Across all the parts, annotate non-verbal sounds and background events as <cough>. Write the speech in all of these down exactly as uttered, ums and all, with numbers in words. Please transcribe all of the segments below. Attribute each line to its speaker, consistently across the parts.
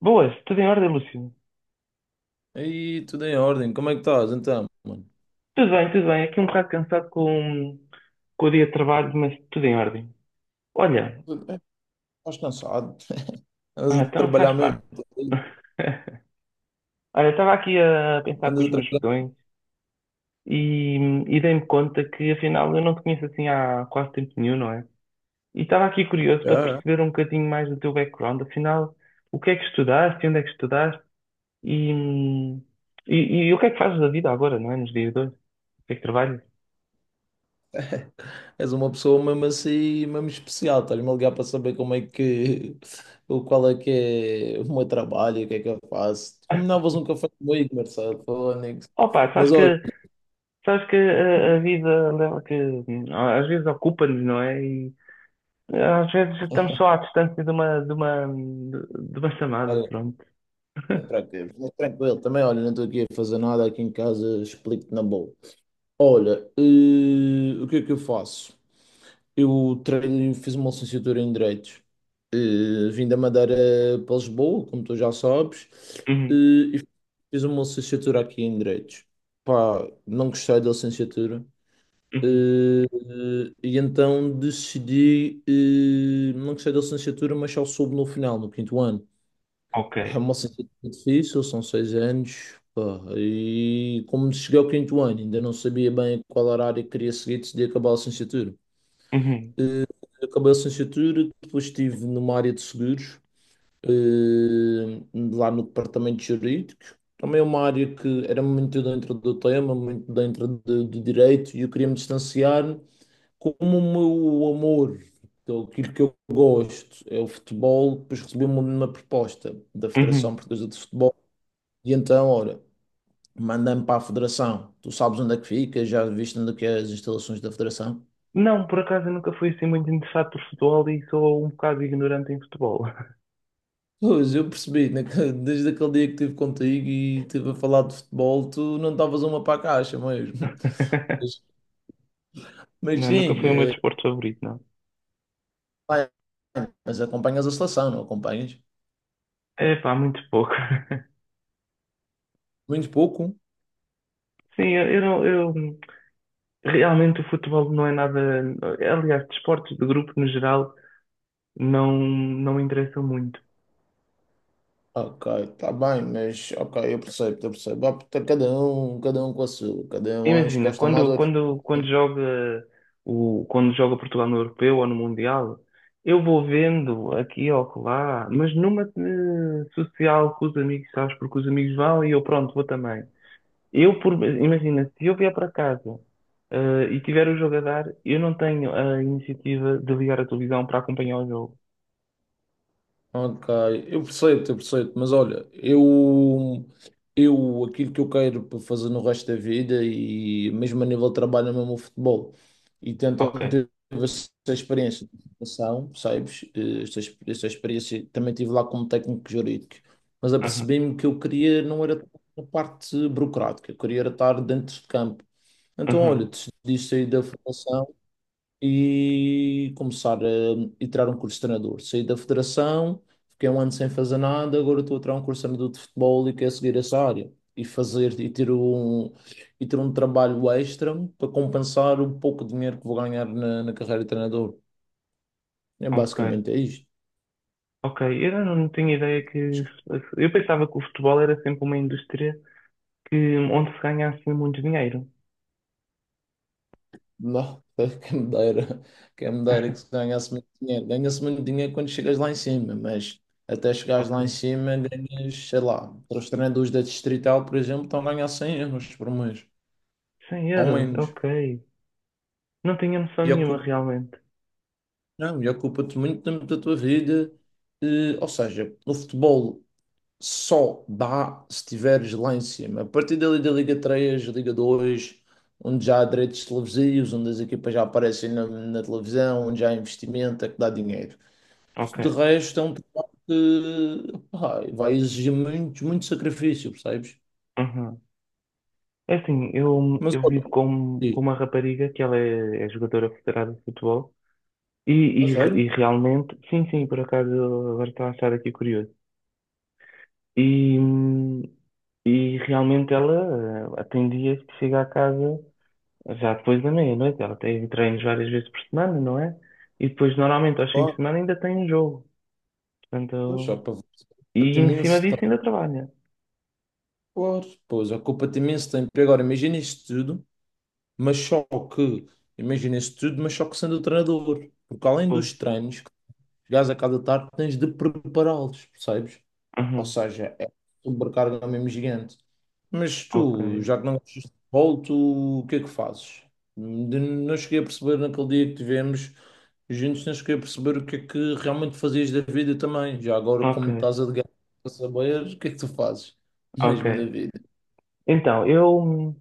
Speaker 1: Boas, tudo em ordem, Lúcio?
Speaker 2: Aí, tudo em ordem. Como é que estás, então, mano?
Speaker 1: Tudo bem, tudo bem. Aqui um bocado cansado com, com o dia de trabalho, mas tudo em ordem. Olha,
Speaker 2: Tudo bem? Estás cansado? <laughs> Andas
Speaker 1: ah,
Speaker 2: a
Speaker 1: então faz
Speaker 2: trabalhar mesmo?
Speaker 1: parte. <laughs> Olha, estava aqui a pensar com
Speaker 2: Andas
Speaker 1: os
Speaker 2: a
Speaker 1: meus
Speaker 2: trabalhar?
Speaker 1: botões e, e dei-me conta que afinal eu não te conheço assim há quase tempo nenhum, não é? E estava aqui curioso para
Speaker 2: Já, já.
Speaker 1: perceber um bocadinho mais do teu background, afinal, o que é que estudaste, onde é que estudaste e, e, e o que é que fazes da vida agora, não é? Nos dias de hoje? O que é que trabalhas?
Speaker 2: <laughs> És uma pessoa mesmo assim, mesmo especial. Estás-me a ligar para saber como é que... o- Qual é que é o meu trabalho, e o que é que eu faço. Combinavas um café comigo, Marcelo, falando nisso.
Speaker 1: Opa,
Speaker 2: Mas
Speaker 1: sabes
Speaker 2: olha,
Speaker 1: que Sabes que a, a vida leva que hum, às vezes ocupa-nos, não é? E eh, às vezes estamos só à distância de uma, de uma, de uma chamada,
Speaker 2: olha,
Speaker 1: pronto. <laughs>
Speaker 2: tranquilo, tranquilo. Também, olha, não estou aqui a fazer nada aqui em casa, explico-te na boa. Olha, eh, o que é que eu faço? Eu treino, fiz uma licenciatura em Direitos. Eh, vim da Madeira para Lisboa, como tu já sabes, eh,
Speaker 1: Uhum,
Speaker 2: e fiz uma licenciatura aqui em Direitos. Pá, não gostei da licenciatura. Eh,
Speaker 1: uhum.
Speaker 2: e então decidi, eh, não gostei da licenciatura, mas só soube no final, no quinto ano.
Speaker 1: Ok.
Speaker 2: É uma licenciatura difícil, são seis anos. Pá, e como cheguei ao quinto ano, ainda não sabia bem qual era a área que queria seguir, decidi acabar a licenciatura.
Speaker 1: Uhum,
Speaker 2: Eh, Acabei a licenciatura, depois estive numa área de seguros, eh, lá no departamento jurídico. Também é uma área que era muito dentro do tema, muito dentro de- do direito, e eu queria me distanciar. Como o meu amor, então, aquilo que eu gosto, é o futebol, depois recebi uma, uma proposta da Federação
Speaker 1: uhum.
Speaker 2: Portuguesa de Futebol, e então, ora, mandei-me para a Federação. Tu sabes onde é que fica, já viste onde é que é as instalações da Federação?
Speaker 1: Não, por acaso eu nunca fui assim muito interessado por futebol e sou um bocado ignorante em futebol.
Speaker 2: Pois, eu percebi, naque- desde aquele dia que estive contigo e estive a falar de futebol, tu não estavas uma para a caixa mesmo. Mas,
Speaker 1: <laughs>
Speaker 2: mas
Speaker 1: Não, nunca
Speaker 2: sim,
Speaker 1: foi o meu
Speaker 2: é,
Speaker 1: desporto favorito, não.
Speaker 2: bem, mas acompanhas a seleção, não acompanhas?
Speaker 1: É pá, muito pouco. <laughs>
Speaker 2: Muito pouco.
Speaker 1: Sim, eu, eu não, eu realmente o futebol não é nada. Aliás, desportos de grupo no geral não, não me interessam muito.
Speaker 2: Ok, está bem, mas ok, eu percebo, eu percebo. Ah, tá. Cada um, cada um com a sua, cada um acho que
Speaker 1: Imagina,
Speaker 2: gosta mais
Speaker 1: quando,
Speaker 2: ou...
Speaker 1: quando, quando joga o, quando joga Portugal no Europeu ou no Mundial, eu vou vendo aqui ou lá, mas numa eh, social com os amigos, sabes? Porque os amigos vão e eu pronto, vou também. Eu, por, imagina, se eu vier para casa eh, e tiver o jogo a dar, eu não tenho a iniciativa de ligar a televisão para acompanhar o jogo.
Speaker 2: Ok, eu percebo, eu percebo, mas olha, eu, eu aquilo que eu quero para fazer no resto da vida e mesmo a nível de trabalho é mesmo o futebol e tentam
Speaker 1: Ok.
Speaker 2: ter essa experiência de formação, sabes? Eh, Esta, ex- esta experiência também tive lá como técnico jurídico, mas
Speaker 1: Uhum.
Speaker 2: apercebi-me que eu queria não era a parte burocrática, eu queria era estar dentro de campo. Então, olha,
Speaker 1: Uhum.
Speaker 2: decidi sair da formação e começar a, e tirar um curso de treinador. Saí da federação, fiquei um ano sem fazer nada, agora estou a tirar um curso de treinador de futebol e quero seguir essa área. E fazer e ter um, e ter um trabalho extra para compensar o pouco dinheiro que vou ganhar na, na carreira de treinador. É
Speaker 1: Ok.
Speaker 2: basicamente é isto.
Speaker 1: Ok. Eu não, não tinha ideia que. Eu pensava que o futebol era sempre uma indústria que onde se ganha assim muito dinheiro.
Speaker 2: Não, <laughs> quem me dera, quem me dera que se
Speaker 1: <laughs>
Speaker 2: ganhasse muito dinheiro. Ganha-se muito dinheiro quando chegas lá em cima, mas até chegares
Speaker 1: Ok.
Speaker 2: lá em cima ganhas, sei lá, para os treinadores da Distrital, por exemplo, estão a ganhar cem euros por mês.
Speaker 1: 100
Speaker 2: Ao
Speaker 1: euros?
Speaker 2: menos.
Speaker 1: Ok. Não tinha noção
Speaker 2: E
Speaker 1: nenhuma
Speaker 2: ocupa,
Speaker 1: realmente.
Speaker 2: não, e ocupa-te muito tempo da tua vida. Eh, ou seja, o futebol só dá se estiveres lá em cima. A partir dali da Liga três, Liga dois, onde já há direitos televisivos, onde as equipas já aparecem na, na televisão, onde já há investimento, é que dá dinheiro.
Speaker 1: Ok.
Speaker 2: De resto, é um trabalho que pá, vai exigir muito, muito sacrifício, percebes?
Speaker 1: Uhum. É assim, eu,
Speaker 2: Mas
Speaker 1: eu
Speaker 2: olha,
Speaker 1: vivo com, com
Speaker 2: diz,
Speaker 1: uma rapariga que ela é, é jogadora federada de futebol e,
Speaker 2: a
Speaker 1: e,
Speaker 2: sério?
Speaker 1: e realmente, sim, sim, por acaso agora estou a achar aqui curioso. E, hum, e realmente ela eh, tem dias que chega a casa já depois da meia-noite. Ela tem treinos várias vezes por semana, não é? E depois normalmente aos fins de
Speaker 2: Claro,
Speaker 1: semana ainda tem um jogo.
Speaker 2: só
Speaker 1: Portanto,
Speaker 2: para
Speaker 1: e em cima
Speaker 2: imenso...
Speaker 1: disso ainda trabalha.
Speaker 2: Claro, pois, ocupa-te imenso tempo. E agora, imagina isto tudo, mas só que, imagina isto tudo, mas só que sendo o treinador. Porque além dos
Speaker 1: Pois.
Speaker 2: treinos, que chegares a cada tarde, tens de prepará-los, percebes? Ou
Speaker 1: Aham.
Speaker 2: seja, é sobrecarga mesmo gigante. Mas
Speaker 1: Ok.
Speaker 2: tu, já que não gostas de futebol, tu, o que é que fazes? De- Não cheguei a perceber naquele dia que tivemos juntos, não cheguei a perceber o que é que realmente fazias da vida também. Já agora,
Speaker 1: Ok.
Speaker 2: como estás a de guerra, para saber, o que é que tu fazes
Speaker 1: Ok.
Speaker 2: mesmo da vida?
Speaker 1: Então, eu, hum,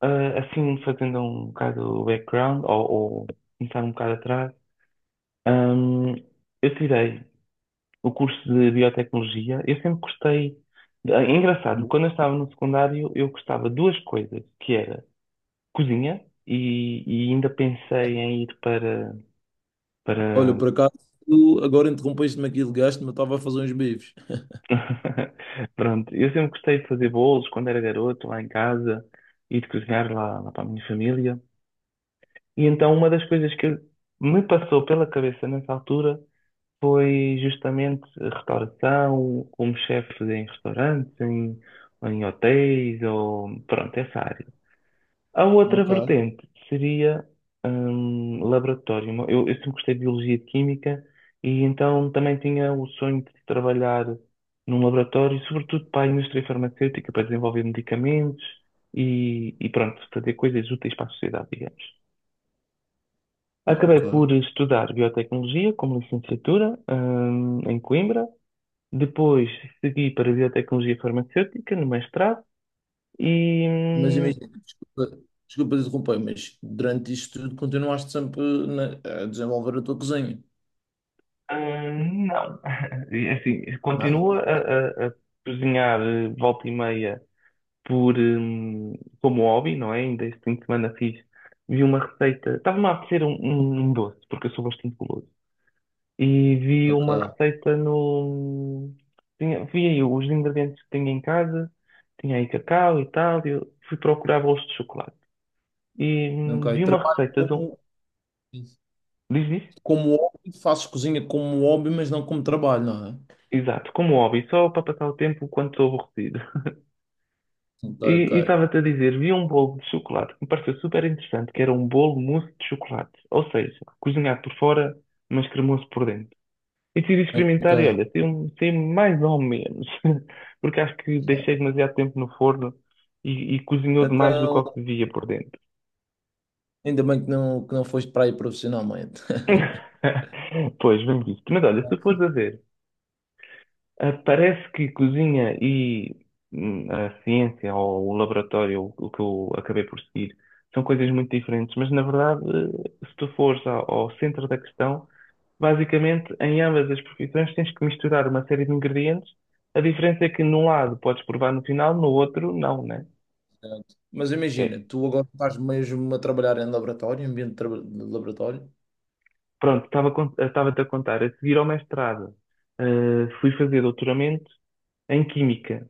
Speaker 1: ah, assim, fazendo um bocado o background, ou, ou começar um bocado atrás, hum, eu tirei o curso de biotecnologia. Eu sempre gostei. de- É engraçado, quando eu estava no secundário, eu gostava de duas coisas, que era cozinha, e, e ainda pensei em ir para
Speaker 2: Olha,
Speaker 1: para.
Speaker 2: por acaso, tu agora interrompeste-me aqui, ligaste-me, eu estava a fazer uns bifes.
Speaker 1: <laughs> Pronto, eu sempre gostei de fazer bolos quando era garoto, lá em casa, e de cozinhar lá, lá para a minha família. E então uma das coisas que eu- me passou pela cabeça nessa altura foi justamente a restauração, como chefe em restaurantes, em, em hotéis, ou pronto, essa área. A outra
Speaker 2: Ok,
Speaker 1: vertente seria hum, laboratório. Eu, eu sempre gostei de biologia e de química e então também tinha o sonho de trabalhar num laboratório, sobretudo para a indústria farmacêutica, para desenvolver medicamentos e, e pronto, fazer coisas úteis para a sociedade, digamos. Acabei
Speaker 2: ok.
Speaker 1: por estudar biotecnologia como licenciatura hum, em Coimbra. Depois segui para biotecnologia farmacêutica no mestrado. E,
Speaker 2: Mas
Speaker 1: hum,
Speaker 2: imagina, desculpa, desculpa interromper, mas durante isto tudo continuaste sempre na- a desenvolver a tua cozinha.
Speaker 1: Hum, não. <laughs> E, Assim, continua
Speaker 2: Não.
Speaker 1: a, a- a cozinhar eh, volta e meia por, hum, como hobby, não é? Ainda este fim de semana fiz, vi uma receita, estava-me a apetecer um, um- um doce, porque eu sou bastante guloso, e vi uma
Speaker 2: Ok.
Speaker 1: receita no... Tinha, vi aí os ingredientes que tinha em casa, tinha aí cacau e tal, e eu fui procurar bolos de chocolate. E
Speaker 2: É?
Speaker 1: hum,
Speaker 2: Ok,
Speaker 1: vi uma
Speaker 2: trabalho
Speaker 1: receita de um...
Speaker 2: como,
Speaker 1: Diz isso?
Speaker 2: como hobby, faço cozinha como hobby, mas não como trabalho, não é?
Speaker 1: Exato, como hobby, só para passar o tempo quando estou aborrecido.
Speaker 2: Ok,
Speaker 1: E e
Speaker 2: ok.
Speaker 1: estava-te a dizer, vi um bolo de chocolate que me pareceu super interessante, que era um bolo mousse de chocolate. Ou seja, cozinhado por fora, mas cremoso por dentro. E decidi
Speaker 2: Ok.
Speaker 1: experimentar e olha, saiu saiu mais ou menos. <laughs> Porque acho que deixei demasiado tempo no forno e, e cozinhou demais do que
Speaker 2: Então,
Speaker 1: o que devia por dentro.
Speaker 2: ainda bem que não, que não foste para aí profissionalmente. <laughs>
Speaker 1: <laughs> Pois, vamos isso. Mas olha, se tu fores a ver. Ah, parece que cozinha e hum, a ciência ou o laboratório, o o que eu acabei por seguir, são coisas muito diferentes, mas na verdade, eh, se tu fores ao, ao centro da questão, basicamente em ambas as profissões tens que misturar uma série de ingredientes. A diferença é que num lado podes provar no final, no outro não, né?
Speaker 2: Mas imagina,
Speaker 1: É,
Speaker 2: tu agora estás mesmo a trabalhar em laboratório, em ambiente de, traba- de laboratório,
Speaker 1: pronto, estava, a con- eh, estava-te a contar. A seguir ao mestrado, eh, fui fazer doutoramento em Química.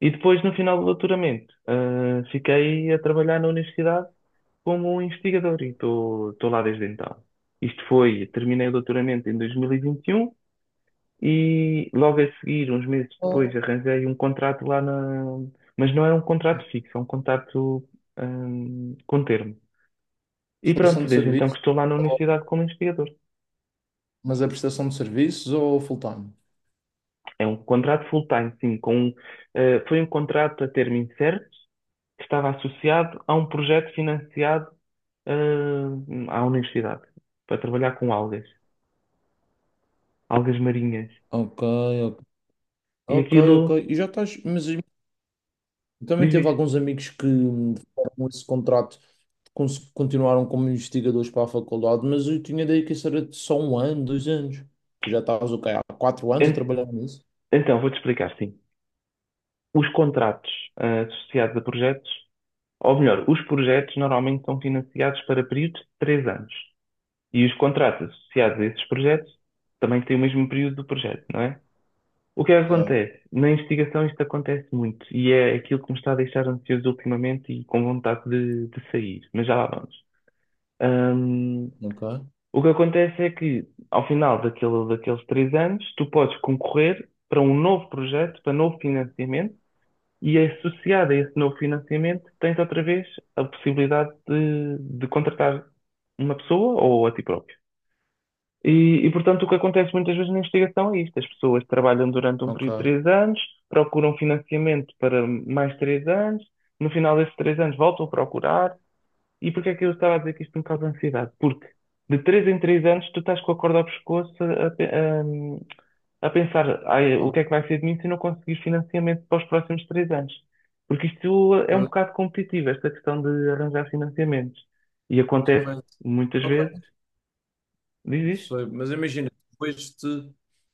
Speaker 1: E depois, no final do doutoramento, ah, fiquei a trabalhar na universidade como um investigador e estou lá desde então. Isto foi, terminei o doutoramento em dois mil e vinte e um e vinte e um e logo a seguir, uns meses depois,
Speaker 2: ou
Speaker 1: arranjei um contrato lá na. Mas não é um contrato fixo, é um contrato, hum, com termo. E
Speaker 2: prestação
Speaker 1: pronto,
Speaker 2: de
Speaker 1: desde então que
Speaker 2: serviço,
Speaker 1: estou lá na
Speaker 2: ou...
Speaker 1: universidade como investigador.
Speaker 2: mas é prestação de serviços ou full-time?
Speaker 1: É um contrato full-time, sim, com, um, ah, foi um contrato a termo incerto, que estava associado a um projeto financiado ah, à universidade para trabalhar com algas, algas marinhas.
Speaker 2: Ok, ok,
Speaker 1: E
Speaker 2: ok,
Speaker 1: aquilo
Speaker 2: ok. E já estás, mas eu também
Speaker 1: diz,
Speaker 2: teve
Speaker 1: diz.
Speaker 2: alguns amigos que fizeram esse contrato, cons- continuaram como investigadores para a faculdade, mas eu tinha daí que isso era de só um ano, dois anos. Tu já estavas o quê? Há quatro anos a
Speaker 1: En-
Speaker 2: trabalhar nisso?
Speaker 1: Então, vou-te explicar, sim. Os contratos ah, associados a projetos, ou melhor, os projetos normalmente são financiados para períodos de três anos. E os contratos associados a esses projetos também têm o mesmo período do projeto, não é? O que é que
Speaker 2: Ok,
Speaker 1: acontece? Na investigação isto acontece muito e é aquilo que me está a deixar ansioso ultimamente e com vontade de, de sair, mas já lá vamos. Hum,
Speaker 2: ok,
Speaker 1: O que acontece é que, ao final daquele, daqueles três anos, tu podes concorrer para um novo projeto, para novo financiamento, e associado a esse novo financiamento, tens outra vez a possibilidade de, de contratar uma pessoa ou a ti próprio. E, e, portanto, o que acontece muitas vezes na investigação é isto: as pessoas trabalham durante um
Speaker 2: ok.
Speaker 1: período de três anos, procuram financiamento para mais três anos, no final desses três anos voltam a procurar, e porquê é que eu estava a dizer que isto me causa ansiedade? Porque de três em três anos tu estás com a corda ao pescoço a, pe- a- a pensar "Ai,
Speaker 2: Ah,
Speaker 1: o
Speaker 2: mas...
Speaker 1: que é que vai ser de mim se eu não conseguir financiamento para os próximos três anos." Porque isto é um bocado competitivo, esta questão de arranjar financiamentos. E
Speaker 2: eh,
Speaker 1: acontece
Speaker 2: mas...
Speaker 1: muitas vezes,
Speaker 2: ok. Não
Speaker 1: diz isso.
Speaker 2: sei, mas imagina, tu vais-te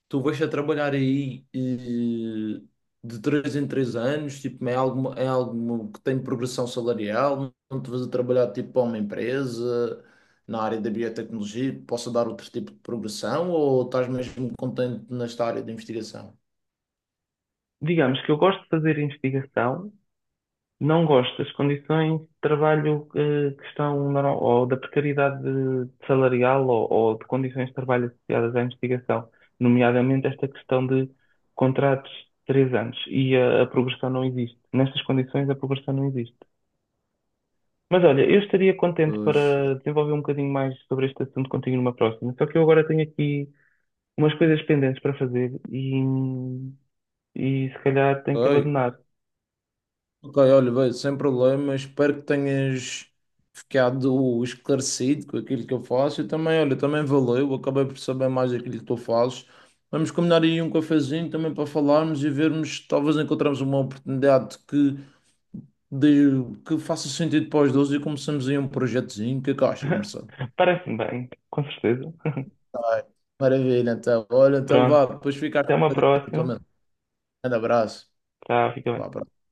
Speaker 2: tu vais a trabalhar aí eh, de três em três anos, tipo, é algo, é algo que tem progressão salarial, não te vais a trabalhar tipo para uma empresa na área da biotecnologia, que possa dar outro tipo de progressão ou estás mesmo contente nesta área de investigação?
Speaker 1: Digamos que eu gosto de fazer investigação, não gosto das condições de trabalho eh, que estão, na- ou da precariedade de- salarial ou, ou de condições de trabalho associadas à investigação, nomeadamente esta questão de contratos de três anos e a, a progressão não existe. Nestas condições, a progressão não existe. Mas olha, eu estaria contente
Speaker 2: Pois,
Speaker 1: para desenvolver um bocadinho mais sobre este assunto contigo numa próxima, só que eu agora tenho aqui umas coisas pendentes para fazer e, e se calhar tenho que
Speaker 2: ok.
Speaker 1: abandonar.
Speaker 2: Ok, olha, vai, sem problema. Espero que tenhas ficado esclarecido com aquilo que eu faço. E também, olha, também valeu. Acabei por saber mais daquilo que tu fazes. Vamos combinar aí um cafezinho também para falarmos e vermos, talvez encontramos uma oportunidade que, de- que faça sentido para os dois e começamos aí um projetozinho. O que é que achas, Marcelo?
Speaker 1: <laughs> Parece-me bem, com certeza.
Speaker 2: Tá bem. Maravilha, então. Olha, então vá,
Speaker 1: Pronto.
Speaker 2: depois fica a
Speaker 1: Até
Speaker 2: cara
Speaker 1: uma
Speaker 2: daqui da tua
Speaker 1: próxima.
Speaker 2: mente. Um grande abraço.
Speaker 1: Tchau, fica
Speaker 2: Vá,
Speaker 1: bem.
Speaker 2: abraço.